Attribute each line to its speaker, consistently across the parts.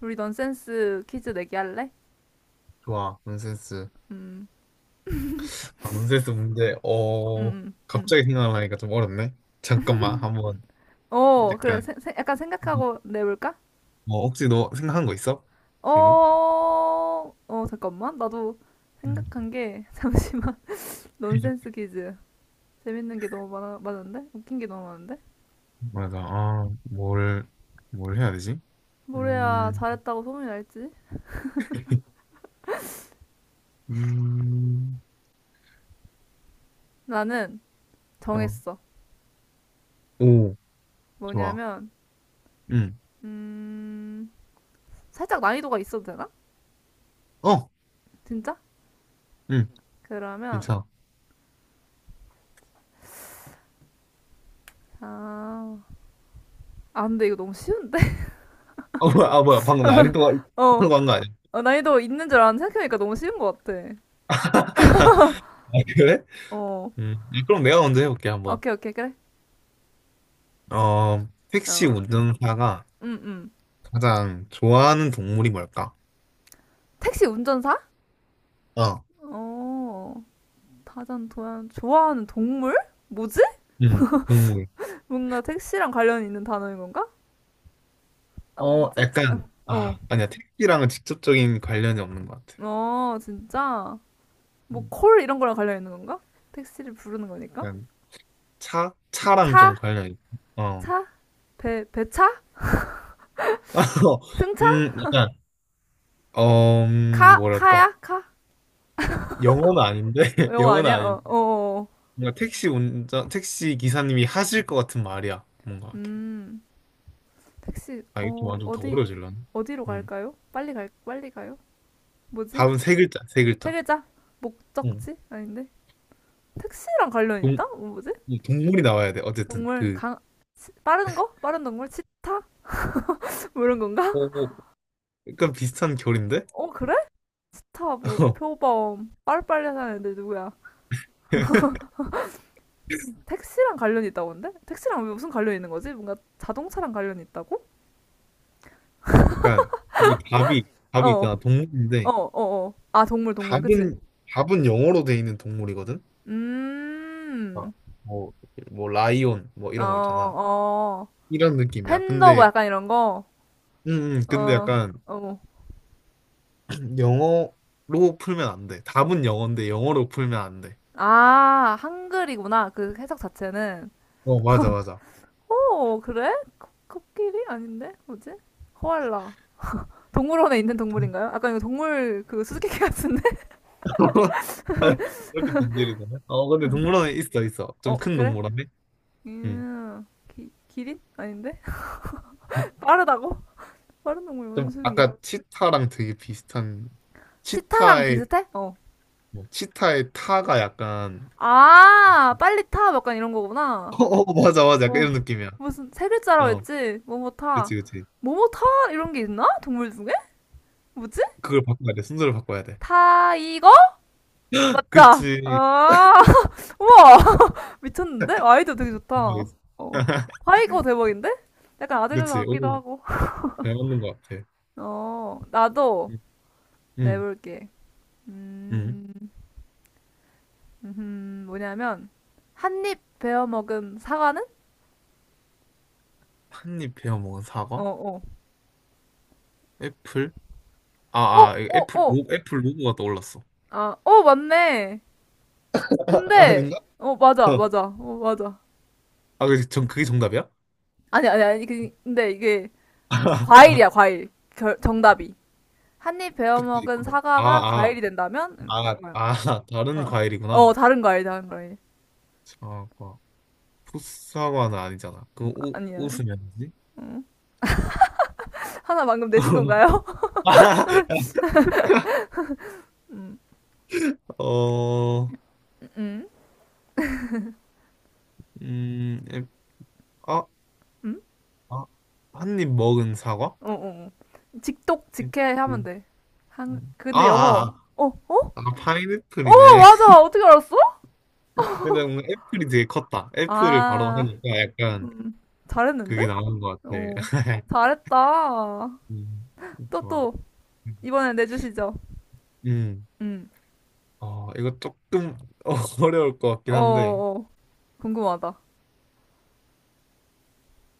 Speaker 1: 우리 넌센스 퀴즈 내기 할래?
Speaker 2: 좋아, 논센스.
Speaker 1: 음,
Speaker 2: 논센스 문제,
Speaker 1: 음, 음, 음.
Speaker 2: 갑자기 생각나니까 좀 어렵네. 잠깐만, 한번,
Speaker 1: 어, 그래.
Speaker 2: 약간,
Speaker 1: 약간 생각하고 내볼까?
Speaker 2: 뭐, 혹시 너 생각한 거 있어? 지금?
Speaker 1: 어, 어, 잠깐만. 나도
Speaker 2: 음.
Speaker 1: 생각한 게, 잠시만. 넌센스 퀴즈. 재밌는 게 너무 많아, 많은데? 웃긴 게 너무 많은데?
Speaker 2: 맞아, 뭘 해야 되지?
Speaker 1: 뭘 해야
Speaker 2: 음,
Speaker 1: 잘했다고 소문이 날지?
Speaker 2: 음,
Speaker 1: 나는
Speaker 2: 어,
Speaker 1: 정했어.
Speaker 2: 오, 좋아.
Speaker 1: 뭐냐면,
Speaker 2: 음,
Speaker 1: 음, 살짝 난이도가 있어도 되나?
Speaker 2: 어,
Speaker 1: 진짜?
Speaker 2: 음,
Speaker 1: 그러면,
Speaker 2: 괜찮아.
Speaker 1: 아, 근데 이거 너무 쉬운데?
Speaker 2: 아, 뭐야, 아, 뭐야, 방금 난이도가,
Speaker 1: 어,
Speaker 2: 방금 한거 아니야?
Speaker 1: 어, 난이도 있는 줄 알았는데 생각해보니까 너무 쉬운 것 같아.
Speaker 2: 아, 그래?
Speaker 1: 어,
Speaker 2: 아, 그럼 내가 먼저 해볼게, 한번.
Speaker 1: 오케이, 오케이, 그래.
Speaker 2: 택시
Speaker 1: 어,
Speaker 2: 운전사가
Speaker 1: 음, 음.
Speaker 2: 가장 좋아하는 동물이 뭘까?
Speaker 1: 택시 운전사?
Speaker 2: 어,
Speaker 1: 어, 다전 도연 좋아하는 동물? 뭐지?
Speaker 2: 응, 동물.
Speaker 1: 뭔가 택시랑 관련 있는 단어인 건가? 아, 뭐지?
Speaker 2: 약간,
Speaker 1: 어,
Speaker 2: 아, 아니야, 택시랑은 직접적인 관련이 없는 것 같아.
Speaker 1: 어, 진짜. 뭐
Speaker 2: 음,
Speaker 1: 콜 이런 거랑 관련 있는 건가? 택시를 부르는 거니까.
Speaker 2: 약간 차? 차랑
Speaker 1: 차,
Speaker 2: 좀 관련이 있어. 어.
Speaker 1: 차, 배, 배차, 승차,
Speaker 2: 약간,
Speaker 1: 카,
Speaker 2: 뭐랄까.
Speaker 1: 카야, 카.
Speaker 2: 영어는 아닌데,
Speaker 1: 영어
Speaker 2: 영어는
Speaker 1: 아니야? 어,
Speaker 2: 아닌데.
Speaker 1: 어, 어.
Speaker 2: 뭔가 택시 기사님이 하실 것 같은 말이야. 뭔가 이렇게.
Speaker 1: 음. 택시,
Speaker 2: 아, 이게 또 완전 더 어려워질라네.
Speaker 1: 어디로
Speaker 2: 음.
Speaker 1: 갈까요? 빨리 가요? 뭐지?
Speaker 2: 답은 세 글자, 세
Speaker 1: 세
Speaker 2: 글자.
Speaker 1: 글자?
Speaker 2: 음.
Speaker 1: 목적지? 아닌데? 택시랑 관련
Speaker 2: 동,
Speaker 1: 있다? 어, 뭐지?
Speaker 2: 동물이 나와야 돼. 어쨌든,
Speaker 1: 동물,
Speaker 2: 그,
Speaker 1: 강, 빠른 거? 빠른 동물? 치타? 뭐 이런 건가?
Speaker 2: 어, 어. 약간 비슷한 결인데?
Speaker 1: 어, 그래? 치타, 뭐, 표범, 빠르빨리 하는 애들 누구야? 택시랑 관련이 있다고 근데? 택시랑 왜 무슨 관련이 있는 거지? 뭔가 자동차랑 관련이 있다고?
Speaker 2: 약간 이게 답이
Speaker 1: 어,
Speaker 2: 답이 있잖아
Speaker 1: 어,
Speaker 2: 동물인데
Speaker 1: 어, 어. 아, 동물, 동물, 그치?
Speaker 2: 답은 답은 영어로 돼 있는 동물이거든. 아,
Speaker 1: 음,
Speaker 2: 뭐, 뭐 라이온 뭐
Speaker 1: 어,
Speaker 2: 이런 거 있잖아.
Speaker 1: 어.
Speaker 2: 이런 느낌이야.
Speaker 1: 팬더 뭐 약간 이런 거?
Speaker 2: 음, 근데
Speaker 1: 어,
Speaker 2: 약간
Speaker 1: 어.
Speaker 2: 영어로 풀면 안 돼. 답은 영어인데 영어로 풀면 안 돼.
Speaker 1: 아, 한글이구나. 그 해석 자체는.
Speaker 2: 어, 맞아, 맞아.
Speaker 1: 오, 그래? 코끼리? 아닌데? 뭐지? 코알라. 동물원에 있는 동물인가요? 아까 이거 동물 그 수수께끼 같은데?
Speaker 2: 이렇게 변질이 되네. 어, 근데 동물원에 있어, 있어. 좀
Speaker 1: 어,
Speaker 2: 큰
Speaker 1: 그래?
Speaker 2: 동물원에. 음.
Speaker 1: 기린? 아닌데? 빠르다고? 빠른 동물
Speaker 2: 좀
Speaker 1: 원숭이.
Speaker 2: 아까 치타랑 되게 비슷한
Speaker 1: 치타랑
Speaker 2: 치타의
Speaker 1: 비슷해? 어.
Speaker 2: 치타의 타가 약간
Speaker 1: 아, 빨리 타. 뭐 약간 이런 거구나.
Speaker 2: 어, 어, 맞아, 맞아, 약간
Speaker 1: 어.
Speaker 2: 이런 느낌이야.
Speaker 1: 무슨 세 글자라고
Speaker 2: 어,
Speaker 1: 했지? 뭐뭐 타.
Speaker 2: 그치, 그치.
Speaker 1: 뭐뭐 타? 이런 게 있나? 동물 중에? 뭐지?
Speaker 2: 그걸 바꿔야 돼. 순서를 바꿔야 돼.
Speaker 1: 타이거? 맞다.
Speaker 2: 그치.
Speaker 1: 아, 우와. 미쳤는데? 아이디어 되게 좋다.
Speaker 2: 그거겠지.
Speaker 1: 어. 하이거 대박인데? 약간 아재가
Speaker 2: 그치.
Speaker 1: 같기도
Speaker 2: 오,
Speaker 1: 하고.
Speaker 2: 잘 맞는 것 같아.
Speaker 1: 어, 나도
Speaker 2: 응, 응.
Speaker 1: 내볼게.
Speaker 2: 응.
Speaker 1: 음, 뭐냐면, 한입 베어 먹은 사과는?
Speaker 2: 한입 베어 먹은
Speaker 1: 어,
Speaker 2: 사과?
Speaker 1: 어.
Speaker 2: 애플?
Speaker 1: 어,
Speaker 2: 이거
Speaker 1: 어, 어.
Speaker 2: 애플 로고가 떠올랐어.
Speaker 1: 아, 어, 맞네.
Speaker 2: 아,
Speaker 1: 근데,
Speaker 2: 아닌가?
Speaker 1: 어, 맞아,
Speaker 2: 어.
Speaker 1: 맞아. 어, 맞아.
Speaker 2: 아, 전 그게 정답이야?
Speaker 1: 아니, 아니, 아니. 근데 이게 과일이야, 과일. 정답이. 한입 베어
Speaker 2: 그치.
Speaker 1: 먹은
Speaker 2: 아,
Speaker 1: 사과가
Speaker 2: 아,
Speaker 1: 과일이 된다면? 이거야.
Speaker 2: 다른
Speaker 1: 어.
Speaker 2: 과일이구나.
Speaker 1: 어, 다른 거 아니, 다른 거 아니.
Speaker 2: 사과. 풋사과는 아니잖아. 그거
Speaker 1: 아,
Speaker 2: 오,
Speaker 1: 아니에요.
Speaker 2: 웃으면지?
Speaker 1: 음. 하나 방금 내신 건가요?
Speaker 2: 어,
Speaker 1: 음.
Speaker 2: 음, 앱, 아,
Speaker 1: 음?
Speaker 2: 아, 한 입 먹은 사과?
Speaker 1: 어, 어. 어. 직독, 직해 하면
Speaker 2: 애플.
Speaker 1: 돼.
Speaker 2: 아,
Speaker 1: 근데 영어.
Speaker 2: 아,
Speaker 1: 어, 어?
Speaker 2: 아,
Speaker 1: 어,
Speaker 2: 파인애플이네.
Speaker 1: 맞아. 어떻게 알았어?
Speaker 2: 근데 뭔가 애플이 되게 컸다. 애플을 바로
Speaker 1: 아,
Speaker 2: 하니까 약간
Speaker 1: 음. 잘했는데?
Speaker 2: 그게 나온 것 같아.
Speaker 1: 어. 잘했다.
Speaker 2: 음,
Speaker 1: 또,
Speaker 2: 좋아.
Speaker 1: 또. 이번에 내주시죠.
Speaker 2: 음,
Speaker 1: 음.
Speaker 2: 이거 조금 어려울 것
Speaker 1: 어,
Speaker 2: 같긴 한데,
Speaker 1: 어. 어. 궁금하다.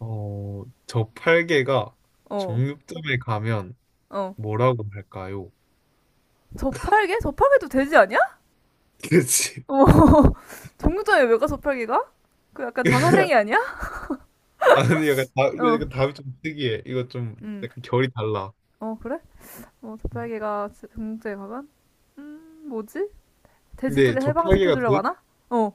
Speaker 2: 저팔계가
Speaker 1: 어,
Speaker 2: 정육점에 가면
Speaker 1: 어.
Speaker 2: 뭐라고 할까요?
Speaker 1: 저팔계? 저팔계도 돼지 아니야?
Speaker 2: 그치.
Speaker 1: 어. 정육점에 왜 가, 저팔계가? 그 약간 자살행위 아니야?
Speaker 2: 아니, 약간 다 이거
Speaker 1: 어,
Speaker 2: 약간 답이 좀 특이해. 이거 좀
Speaker 1: 음.
Speaker 2: 약간 결이 달라.
Speaker 1: 어, 그래? 어, 접팔개가정 중국제에 가면? 뭐지?
Speaker 2: 근데
Speaker 1: 돼지들을
Speaker 2: 저팔계가
Speaker 1: 해방시켜주려고
Speaker 2: 돼,
Speaker 1: 하나? 어,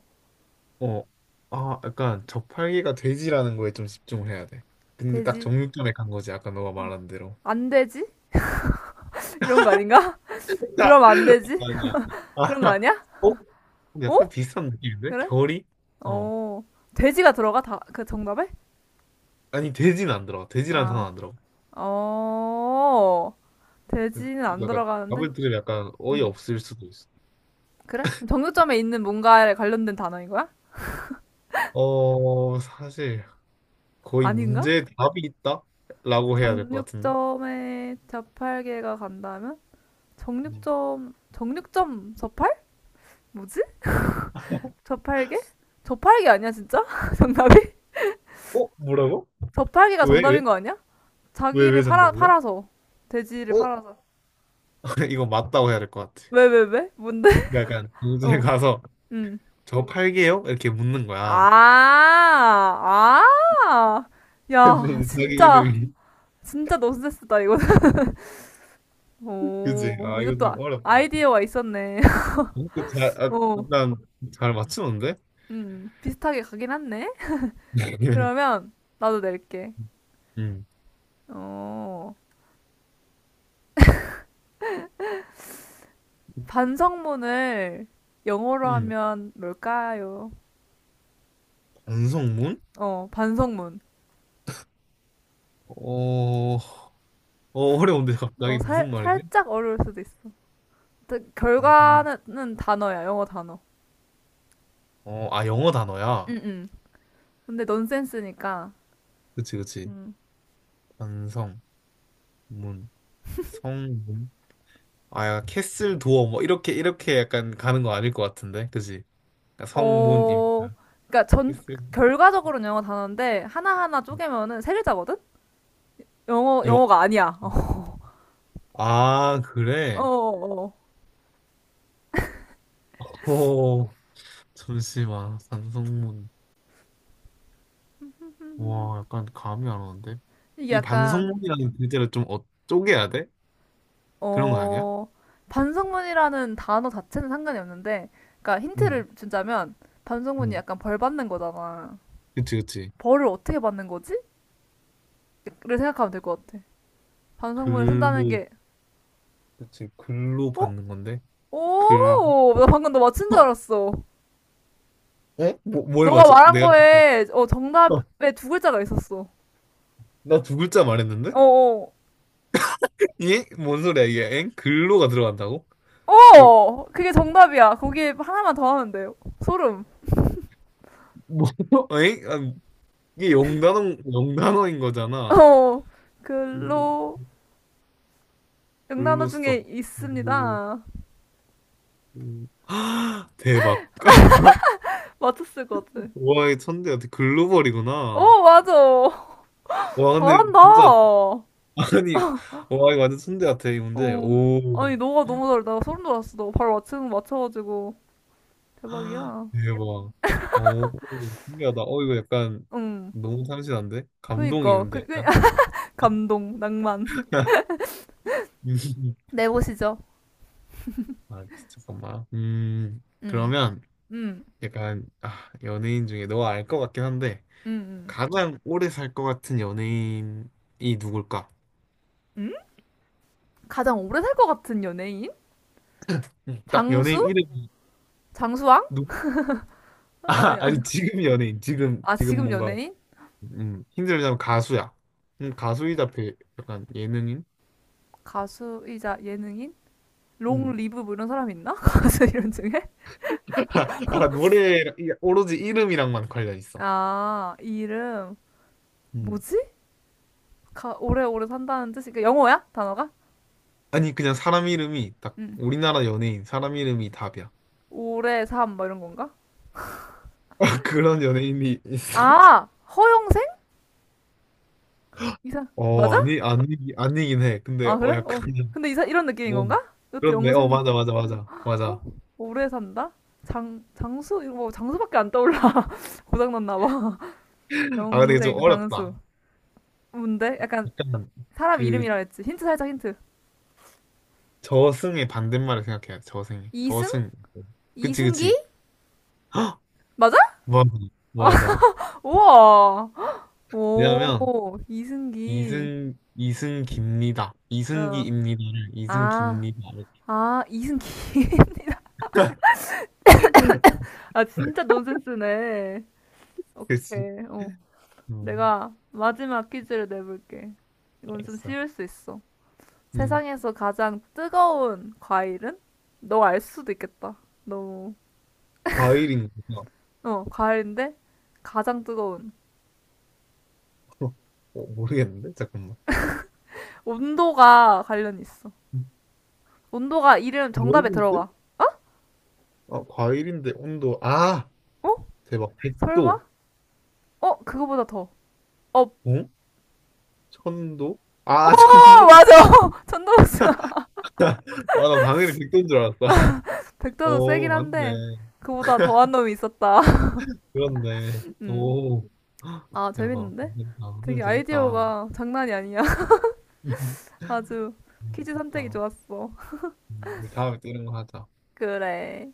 Speaker 2: 어, 아, 약간 저팔계가 돼지라는 거에 좀 집중을 해야 돼. 근데 딱
Speaker 1: 돼지.
Speaker 2: 정육점에 간 거지. 아까 너가 말한 대로.
Speaker 1: 안돼지 이런 거 아닌가?
Speaker 2: 아,
Speaker 1: 그럼 안돼지
Speaker 2: 아니야. 아,
Speaker 1: 그런 거 아니야?
Speaker 2: 어,
Speaker 1: 어?
Speaker 2: 약간 비슷한 느낌인데?
Speaker 1: 그래?
Speaker 2: 결이? 어,
Speaker 1: 어, 돼지가 들어가? 다, 그 정답에?
Speaker 2: 아니, 돼지는 안 들어. 돼지라는
Speaker 1: 아,
Speaker 2: 단어 안 들어.
Speaker 1: 어, 돼지는
Speaker 2: 이거
Speaker 1: 안
Speaker 2: 약간
Speaker 1: 들어가는데?
Speaker 2: 답을 들으면 약간 어이
Speaker 1: 음,
Speaker 2: 없을 수도 있어.
Speaker 1: 그래? 그럼 정육점에 있는 뭔가에 관련된 단어인 거야?
Speaker 2: 어, 사실 거의
Speaker 1: 아닌가?
Speaker 2: 문제에 답이 있다라고 해야 될 것 같은데.
Speaker 1: 정육점에 자팔개가 간다면?
Speaker 2: 음.
Speaker 1: 정육점, 정육점 저팔? 뭐지? 저팔계? 저팔계 아니야 진짜? 정답이?
Speaker 2: 어, 뭐라고?
Speaker 1: 저팔계가
Speaker 2: 왜, 왜?
Speaker 1: 정답인 거 아니야?
Speaker 2: 왜,
Speaker 1: 자기를
Speaker 2: 왜 정답이야?
Speaker 1: 팔아서 돼지를
Speaker 2: 어?
Speaker 1: 팔아서
Speaker 2: 이거 맞다고 해야 될 것 같아.
Speaker 1: 왜 왜 왜? 뭔데?
Speaker 2: 그러니까 약간 동생에
Speaker 1: 어,
Speaker 2: 가서
Speaker 1: 음.
Speaker 2: 저거 팔게요? 이렇게 묻는 거야.
Speaker 1: 아, 아,
Speaker 2: 근데
Speaker 1: 야,
Speaker 2: 이제 자기
Speaker 1: 진짜
Speaker 2: 이름이
Speaker 1: 진짜 논센스다 이거. 는
Speaker 2: 그지?
Speaker 1: 오,
Speaker 2: 아, 이거
Speaker 1: 이것도
Speaker 2: 좀 어렵다. 어?
Speaker 1: 아이디어가 있었네.
Speaker 2: 잘, 아,
Speaker 1: 오.
Speaker 2: 약간 잘 맞추는데?
Speaker 1: 비슷하게 가긴 했네. 그러면 나도 낼게.
Speaker 2: 음,
Speaker 1: 어, 반성문을 영어로
Speaker 2: 음.
Speaker 1: 하면 뭘까요?
Speaker 2: 반성문?
Speaker 1: 어, 반성문.
Speaker 2: 어, 어려운데
Speaker 1: 어,
Speaker 2: 갑자기 무슨 말이지?
Speaker 1: 살짝 어려울 수도 있어. 근데
Speaker 2: 음. 음.
Speaker 1: 결과는 단어야, 영어 단어.
Speaker 2: 어, 아, 영어 단어야.
Speaker 1: 응, 응. 근데 넌센스니까.
Speaker 2: 그치, 그치.
Speaker 1: 음.
Speaker 2: 반성문, 성문. 아, 약간 캐슬 도어 뭐 이렇게 이렇게 약간 가는 거 아닐 것 같은데, 그지? 그러니까
Speaker 1: 어,
Speaker 2: 성문이니까
Speaker 1: 그러니까 전,
Speaker 2: 캐슬.
Speaker 1: 결과적으로는 영어 단어인데, 하나하나 쪼개면은 세 글자거든?
Speaker 2: 여,
Speaker 1: 영어가 아니야.
Speaker 2: 아,
Speaker 1: 어,
Speaker 2: 그래?
Speaker 1: 어, 어.
Speaker 2: 오, 잠시만. 반성문. 와, 약간 감이 안 오는데?
Speaker 1: 이게
Speaker 2: 이
Speaker 1: 약간,
Speaker 2: 반성문이라는 글자를 좀 쪼개야 돼? 그런 거 아니야?
Speaker 1: 어, 반성문이라는 단어 자체는 상관이 없는데, 그러니까
Speaker 2: 응,
Speaker 1: 힌트를 준다면, 반성문이
Speaker 2: 응.
Speaker 1: 약간 벌 받는 거잖아.
Speaker 2: 그치, 그치.
Speaker 1: 벌을 어떻게 받는 거지? 를 생각하면 될 것 같아. 반성문을 쓴다는
Speaker 2: 글로,
Speaker 1: 게
Speaker 2: 그치. 글로
Speaker 1: 어?
Speaker 2: 받는 건데? 글,
Speaker 1: 오! 나 방금 너 맞힌 줄
Speaker 2: 어?
Speaker 1: 알았어.
Speaker 2: 에? 뭘
Speaker 1: 너가
Speaker 2: 맞춰?
Speaker 1: 말한
Speaker 2: 내가,
Speaker 1: 거에
Speaker 2: 어,
Speaker 1: 정답에 두 글자가 있었어.
Speaker 2: 나두 글자 말했는데?
Speaker 1: 어어.
Speaker 2: 예? 뭔 소리야, 이게? 엥? 글로가 들어간다고?
Speaker 1: 어!
Speaker 2: 그,
Speaker 1: 어! 그게 정답이야. 거기에 하나만 더 하면 돼요. 소름.
Speaker 2: 뭐, 에이? 아, 이게 영단어인 거잖아.
Speaker 1: 어.
Speaker 2: 음,
Speaker 1: 글로 영단어
Speaker 2: 글로써.
Speaker 1: 중에
Speaker 2: 글로.
Speaker 1: 있습니다.
Speaker 2: 음. 대박.
Speaker 1: 맞췄을 것 같아.
Speaker 2: 와, 이 천재 같아. 글로벌이구나.
Speaker 1: 어, 맞아.
Speaker 2: 와, 근데
Speaker 1: 잘한다.
Speaker 2: 진짜,
Speaker 1: 어.
Speaker 2: 아니, 와, 이거 완전 천재 같아, 이 문제. 오.
Speaker 1: 아니, 너가 너무 잘해. 나 소름 돋았어. 너 바로 맞추는 거 맞춰가지고. 대박이야.
Speaker 2: 대박. 오, 신기하다. 이거 약간
Speaker 1: 응.
Speaker 2: 너무 참신한데? 감동이
Speaker 1: 그니까.
Speaker 2: 있는데, 약간?
Speaker 1: 감동, 낭만. 내보시죠.
Speaker 2: 아, 잠깐만.
Speaker 1: 음,
Speaker 2: 그러면.
Speaker 1: 음,
Speaker 2: 약간 연예인 중에 너 알 것 같긴 한데
Speaker 1: 음, 음,
Speaker 2: 가장 오래 살 것 같은 연예인이 누굴까?
Speaker 1: 음? 가장 오래 살 것 같은 연예인?
Speaker 2: 응. 딱 연예인
Speaker 1: 장수?
Speaker 2: 이름.
Speaker 1: 장수왕?
Speaker 2: 누구?
Speaker 1: 아,
Speaker 2: 아,
Speaker 1: 아니야.
Speaker 2: 아니, 지금 연예인 지금
Speaker 1: 아,
Speaker 2: 지금
Speaker 1: 지금
Speaker 2: 뭔가
Speaker 1: 연예인?
Speaker 2: 힘들자면 가수야. 가수이다, 약간 예능인?
Speaker 1: 가수이자 예능인? 롱
Speaker 2: 음.
Speaker 1: 리브 뭐 이런 사람 있나? 가수 이름 중에?
Speaker 2: 아, 노래 오로지 이름이랑만 관련 있어.
Speaker 1: 아, 이름
Speaker 2: 음.
Speaker 1: 뭐지? 오래오래 산다는 뜻이 그니까 영어야? 단어가?
Speaker 2: 아니, 그냥 사람 이름이 딱
Speaker 1: 응.
Speaker 2: 우리나라 연예인 사람 이름이 답이야.
Speaker 1: 오래 삶 뭐 이런 건가?
Speaker 2: 그런 연예인이 있어?
Speaker 1: 아, 허영생? 이사
Speaker 2: 어,
Speaker 1: 맞아?
Speaker 2: 아니, 아니. 아니긴 해. 근데
Speaker 1: 아, 그래? 어.
Speaker 2: 약간
Speaker 1: 근데 이사 이런 느낌인
Speaker 2: 오,
Speaker 1: 건가? 이것도
Speaker 2: 그렇네. 어,
Speaker 1: 영생
Speaker 2: 맞아, 맞아, 맞아.
Speaker 1: 어?
Speaker 2: 맞아.
Speaker 1: 오래 산다? 장수? 이거 뭐 장수밖에 안 떠올라. 고장났나 봐.
Speaker 2: 아, 근데 이게 좀
Speaker 1: 영생, 장수.
Speaker 2: 어렵다.
Speaker 1: 뭔데? 약간
Speaker 2: 약간,
Speaker 1: 사람
Speaker 2: 그,
Speaker 1: 이름이라 했지. 힌트 살짝 힌트.
Speaker 2: 저승의 반대말을 생각해야 돼, 저승이.
Speaker 1: 이승?
Speaker 2: 저승. 그치,
Speaker 1: 이승기?
Speaker 2: 그치. 헉!
Speaker 1: 맞아?
Speaker 2: 맞아, 맞아.
Speaker 1: 우와. 오,
Speaker 2: 왜냐면,
Speaker 1: 이승기.
Speaker 2: 이승기입니다.
Speaker 1: 어.
Speaker 2: 이승기입니다를,
Speaker 1: 아,
Speaker 2: 이승기입니다. 이렇게.
Speaker 1: 이승기. 아, 진짜 논센스네.
Speaker 2: 그치.
Speaker 1: 오케이. 어.
Speaker 2: 음,
Speaker 1: 내가 마지막 퀴즈를 내볼게. 이건 좀
Speaker 2: 알겠어.
Speaker 1: 쉬울 수 있어.
Speaker 2: 음,
Speaker 1: 세상에서 가장 뜨거운 과일은? 너 알 수도 있겠다. 너무.
Speaker 2: 과일인가?
Speaker 1: 어, 과일인데 가장 뜨거운.
Speaker 2: 어, 모르겠는데? 잠깐만.
Speaker 1: 온도가 관련이 있어.
Speaker 2: 음,
Speaker 1: 온도가 이름 정답에
Speaker 2: 과일인데?
Speaker 1: 들어가.
Speaker 2: 아, 과일인데, 온도. 아!
Speaker 1: 어?
Speaker 2: 대박.
Speaker 1: 설마?
Speaker 2: 100도.
Speaker 1: 어, 그거보다 더. 어, 어,
Speaker 2: 어? 천도? 아, 천도.
Speaker 1: 맞아. 전동사.
Speaker 2: 아, 나 당연히 백도인 줄 알았다.
Speaker 1: 백도도
Speaker 2: 오,
Speaker 1: 세긴 한데
Speaker 2: 맞네.
Speaker 1: 그보다 더한 놈이 있었다.
Speaker 2: 그렇네.
Speaker 1: 음.
Speaker 2: 오,
Speaker 1: 아,
Speaker 2: 대박.
Speaker 1: 재밌는데?
Speaker 2: 괜찮다. 응,
Speaker 1: 되게
Speaker 2: 되겠다.
Speaker 1: 아이디어가 장난이 아니야.
Speaker 2: 응,
Speaker 1: 아주 퀴즈 선택이
Speaker 2: 되겠다.
Speaker 1: 좋았어.
Speaker 2: 우리 다음에 또 이런 거 하자.
Speaker 1: 그래.